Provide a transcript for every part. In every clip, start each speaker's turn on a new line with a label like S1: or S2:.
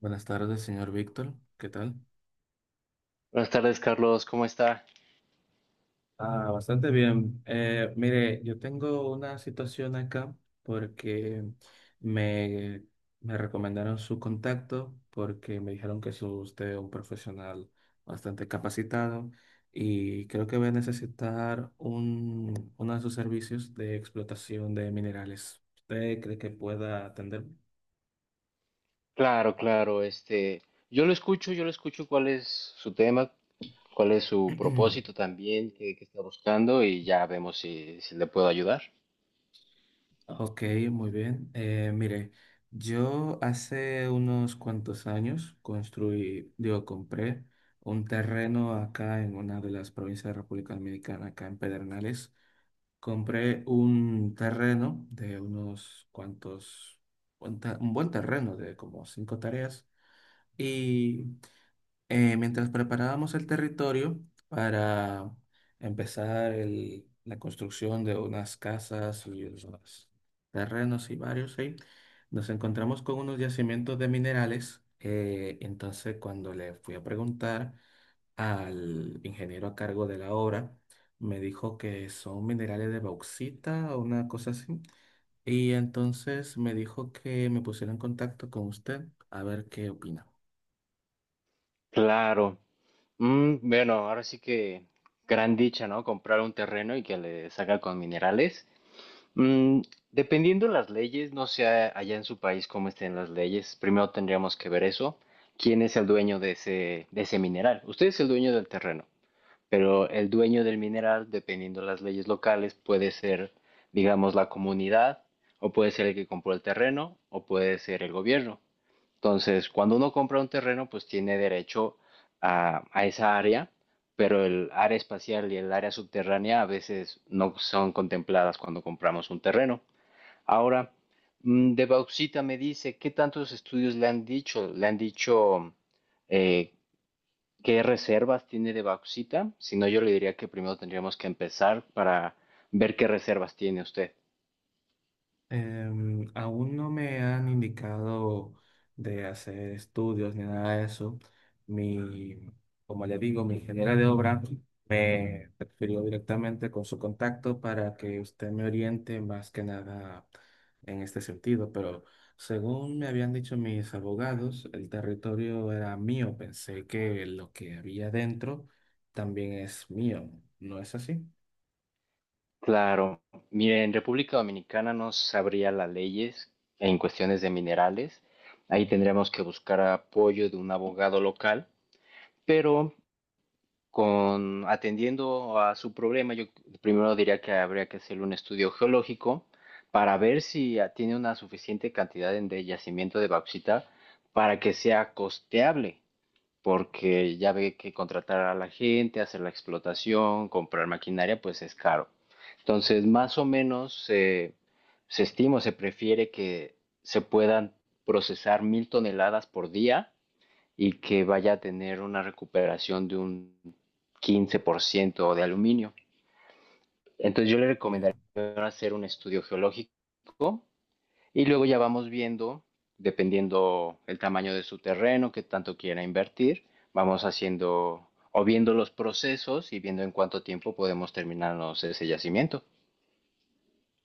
S1: Buenas tardes, señor Víctor. ¿Qué tal?
S2: Buenas tardes, Carlos, ¿cómo está?
S1: Ah, bastante bien. Mire, yo tengo una situación acá porque me, me recomendaron su contacto porque me dijeron que es usted un profesional bastante capacitado y creo que voy a necesitar uno de sus servicios de explotación de minerales. ¿Usted cree que pueda atenderme?
S2: Claro, claro, yo lo escucho cuál es su tema, cuál es su propósito también, qué está buscando y ya vemos si le puedo ayudar.
S1: Ok, muy bien. Mire, yo hace unos cuantos años construí, digo, compré un terreno acá en una de las provincias de República Dominicana, acá en Pedernales. Compré un terreno de unos cuantos, un buen terreno de como 5 tareas y mientras preparábamos el territorio para empezar la construcción de unas casas y unos terrenos y varios ahí, nos encontramos con unos yacimientos de minerales. Entonces, cuando le fui a preguntar al ingeniero a cargo de la obra, me dijo que son minerales de bauxita o una cosa así. Y entonces me dijo que me pusiera en contacto con usted a ver qué opina.
S2: Claro, bueno, ahora sí que gran dicha, ¿no? Comprar un terreno y que le saca con minerales. Mm, dependiendo las leyes, no sé allá en su país cómo estén las leyes, primero tendríamos que ver eso, quién es el dueño de ese mineral. Usted es el dueño del terreno, pero el dueño del mineral, dependiendo de las leyes locales, puede ser, digamos, la comunidad, o puede ser el que compró el terreno, o puede ser el gobierno. Entonces, cuando uno compra un terreno, pues tiene derecho a esa área, pero el área espacial y el área subterránea a veces no son contempladas cuando compramos un terreno. Ahora, de bauxita me dice, ¿qué tantos estudios le han dicho? Le han dicho eh, qué reservas tiene de bauxita. Si no, yo le diría que primero tendríamos que empezar para ver qué reservas tiene usted.
S1: Aún no me han indicado de hacer estudios ni nada de eso. Mi, Como le digo, mi ingeniera de obra me refirió directamente con su contacto para que usted me oriente más que nada en este sentido. Pero según me habían dicho mis abogados, el territorio era mío. Pensé que lo que había dentro también es mío. ¿No es así?
S2: Claro, mire, en República Dominicana no sabría las leyes en cuestiones de minerales. Ahí tendríamos que buscar apoyo de un abogado local, pero con atendiendo a su problema, yo primero diría que habría que hacer un estudio geológico para ver si tiene una suficiente cantidad de yacimiento de bauxita para que sea costeable, porque ya ve que contratar a la gente, hacer la explotación, comprar maquinaria, pues es caro. Entonces, más o menos se estima, o se prefiere que se puedan procesar 1.000 toneladas por día y que vaya a tener una recuperación de un 15% de aluminio. Entonces yo le recomendaría
S1: Bien.
S2: hacer un estudio geológico y luego ya vamos viendo, dependiendo el tamaño de su terreno, que tanto quiera invertir, vamos haciendo o viendo los procesos y viendo en cuánto tiempo podemos terminarnos ese yacimiento.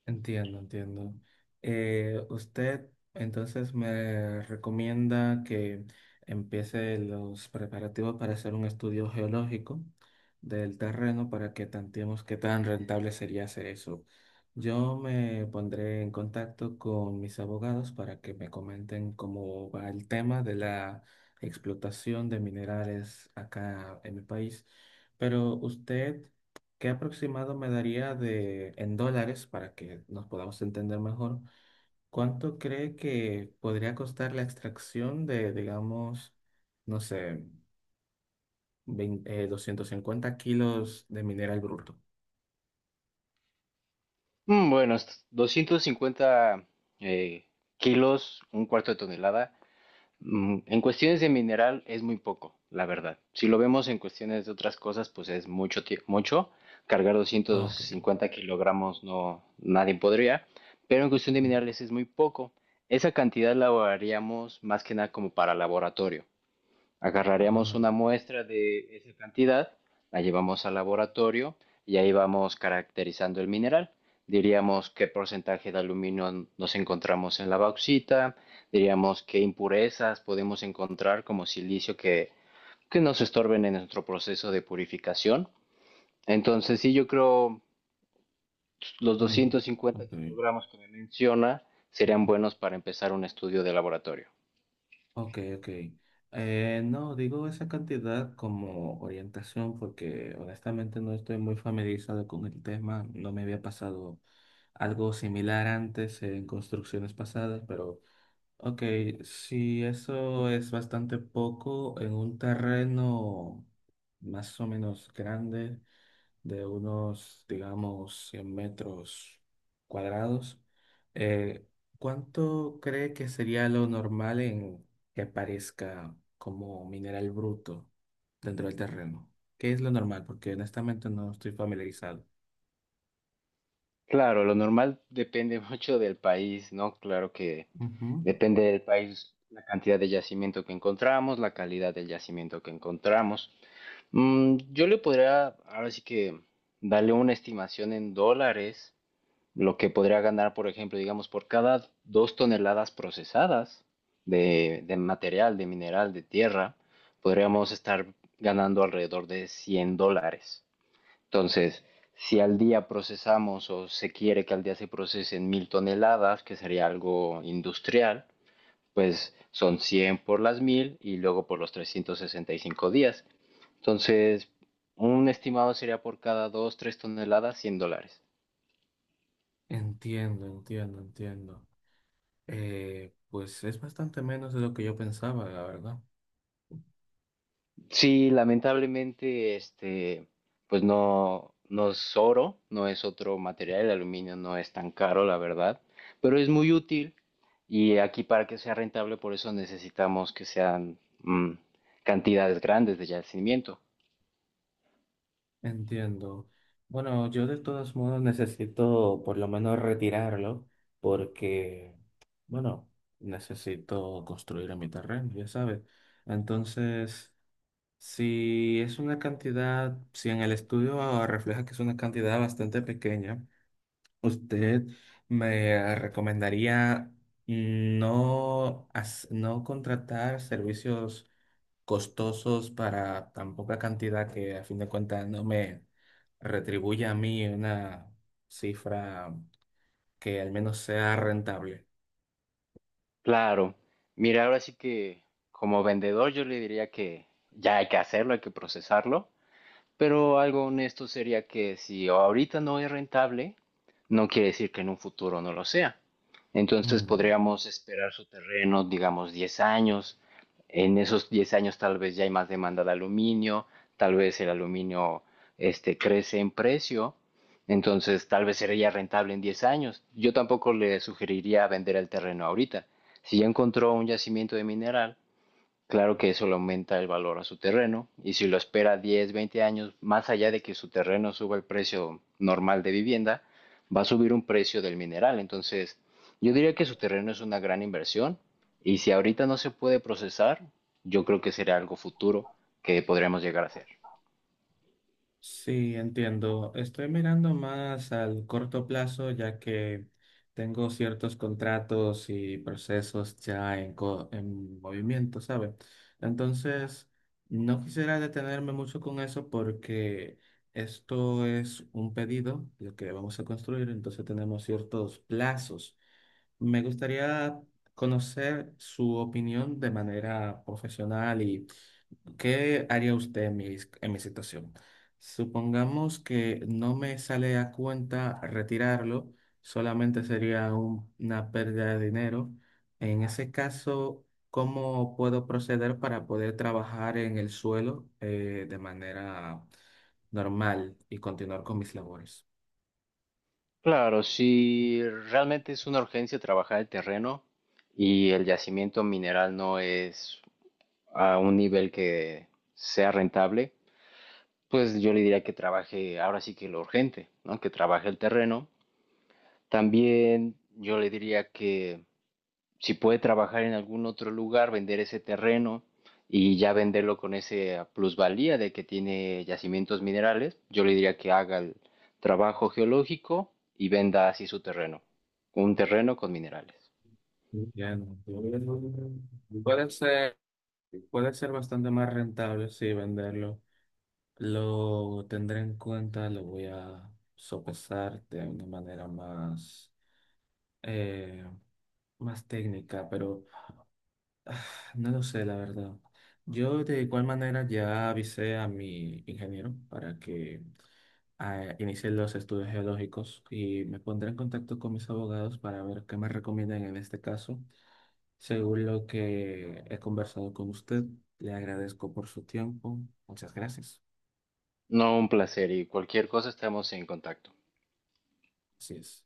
S1: Entiendo, entiendo. Usted entonces me recomienda que empiece los preparativos para hacer un estudio geológico del terreno para que tanteemos qué tan rentable sería hacer eso. Yo me pondré en contacto con mis abogados para que me comenten cómo va el tema de la explotación de minerales acá en mi país. Pero usted. ¿Qué aproximado me daría de en dólares para que nos podamos entender mejor? ¿Cuánto cree que podría costar la extracción de, digamos, no sé, 20 250 kilos de mineral bruto?
S2: Bueno, 250 eh, kilos, un cuarto de tonelada. En cuestiones de mineral es muy poco, la verdad. Si lo vemos en cuestiones de otras cosas, pues es mucho, mucho. Cargar
S1: Ah, ok.
S2: 250 kilogramos no, nadie podría, pero en cuestión de
S1: Mm.
S2: minerales es muy poco. Esa cantidad la haríamos más que nada como para laboratorio. Agarraríamos una
S1: Ah,
S2: muestra de esa cantidad, la llevamos al laboratorio y ahí vamos caracterizando el mineral. Diríamos qué porcentaje de aluminio nos encontramos en la bauxita, diríamos qué impurezas podemos encontrar, como silicio, que nos estorben en nuestro proceso de purificación. Entonces, sí, yo creo los
S1: mm,
S2: 250
S1: ok.
S2: kilogramos que me menciona serían buenos para empezar un estudio de laboratorio.
S1: Ok, ok. No, digo esa cantidad como orientación porque honestamente no estoy muy familiarizado con el tema. No me había pasado algo similar antes en construcciones pasadas, pero ok, si eso es bastante poco en un terreno más o menos grande, de unos, digamos, 100 metros cuadrados. Eh, ¿Cuánto cree que sería lo normal en que aparezca como mineral bruto dentro del terreno? ¿Qué es lo normal? Porque honestamente no estoy familiarizado.
S2: Claro, lo normal depende mucho del país, ¿no? Claro que
S1: Ujú.
S2: depende del país, la cantidad de yacimiento que encontramos, la calidad del yacimiento que encontramos. Yo le podría, ahora sí que, darle una estimación en dólares, lo que podría ganar, por ejemplo, digamos, por cada 2 toneladas procesadas de material, de mineral, de tierra, podríamos estar ganando alrededor de $100. Entonces, si al día procesamos o se quiere que al día se procesen 1.000 toneladas, que sería algo industrial, pues son 100 por las 1000 y luego por los 365 días. Entonces, un estimado sería por cada 2, 3 toneladas $100.
S1: Entiendo, entiendo, entiendo. Pues es bastante menos de lo que yo pensaba, la verdad.
S2: Sí, lamentablemente, este, pues no, no es oro, no es otro material, el aluminio no es tan caro, la verdad, pero es muy útil, y aquí para que sea rentable, por eso necesitamos que sean mm, cantidades grandes de yacimiento.
S1: Entiendo. Bueno, yo de todos modos necesito por lo menos retirarlo porque, bueno, necesito construir en mi terreno, ya sabes. Entonces, si es una cantidad, si en el estudio refleja que es una cantidad bastante pequeña, usted me recomendaría no contratar servicios costosos para tan poca cantidad que a fin de cuentas no me retribuye a mí una cifra que al menos sea rentable.
S2: Claro, mira, ahora sí que como vendedor yo le diría que ya hay que hacerlo, hay que procesarlo, pero algo honesto sería que si ahorita no es rentable, no quiere decir que en un futuro no lo sea. Entonces
S1: Mm.
S2: podríamos esperar su terreno, digamos, 10 años. En esos 10 años tal vez ya hay más demanda de aluminio, tal vez el aluminio crece en precio, entonces tal vez sería rentable en 10 años. Yo tampoco le sugeriría vender el terreno ahorita. Si ya encontró un yacimiento de mineral, claro que eso le aumenta el valor a su terreno, y si lo espera 10, 20 años, más allá de que su terreno suba el precio normal de vivienda, va a subir un precio del mineral. Entonces, yo diría que su terreno es una gran inversión, y si ahorita no se puede procesar, yo creo que será algo futuro que podremos llegar a hacer.
S1: Sí, entiendo. Estoy mirando más al corto plazo, ya que tengo ciertos contratos y procesos ya en movimiento, ¿sabes? Entonces, no quisiera detenerme mucho con eso porque esto es un pedido, lo que vamos a construir, entonces tenemos ciertos plazos. Me gustaría conocer su opinión de manera profesional. ¿Qué haría usted en en mi situación? Supongamos que no me sale a cuenta retirarlo, solamente sería una pérdida de dinero. En ese caso, ¿cómo puedo proceder para poder trabajar en el suelo de manera normal y continuar con mis labores?
S2: Claro, si realmente es una urgencia trabajar el terreno y el yacimiento mineral no es a un nivel que sea rentable, pues yo le diría que trabaje, ahora sí que lo urgente, ¿no? Que trabaje el terreno. También yo le diría que si puede trabajar en algún otro lugar, vender ese terreno y ya venderlo con esa plusvalía de que tiene yacimientos minerales, yo le diría que haga el trabajo geológico y venda así su terreno, un terreno con minerales.
S1: Bien, puede ser, puede ser bastante más rentable, sí, venderlo. Lo tendré en cuenta, lo voy a sopesar de una manera eh, más técnica, pero ah, no lo sé, la verdad. Yo de igual manera ya avisé a mi ingeniero para que inicie los estudios geológicos y me pondré en contacto con mis abogados para ver qué me recomiendan en este caso. Según lo que he conversado con usted, le agradezco por su tiempo. Muchas gracias.
S2: No, un placer, y cualquier cosa estamos en contacto.
S1: Así es.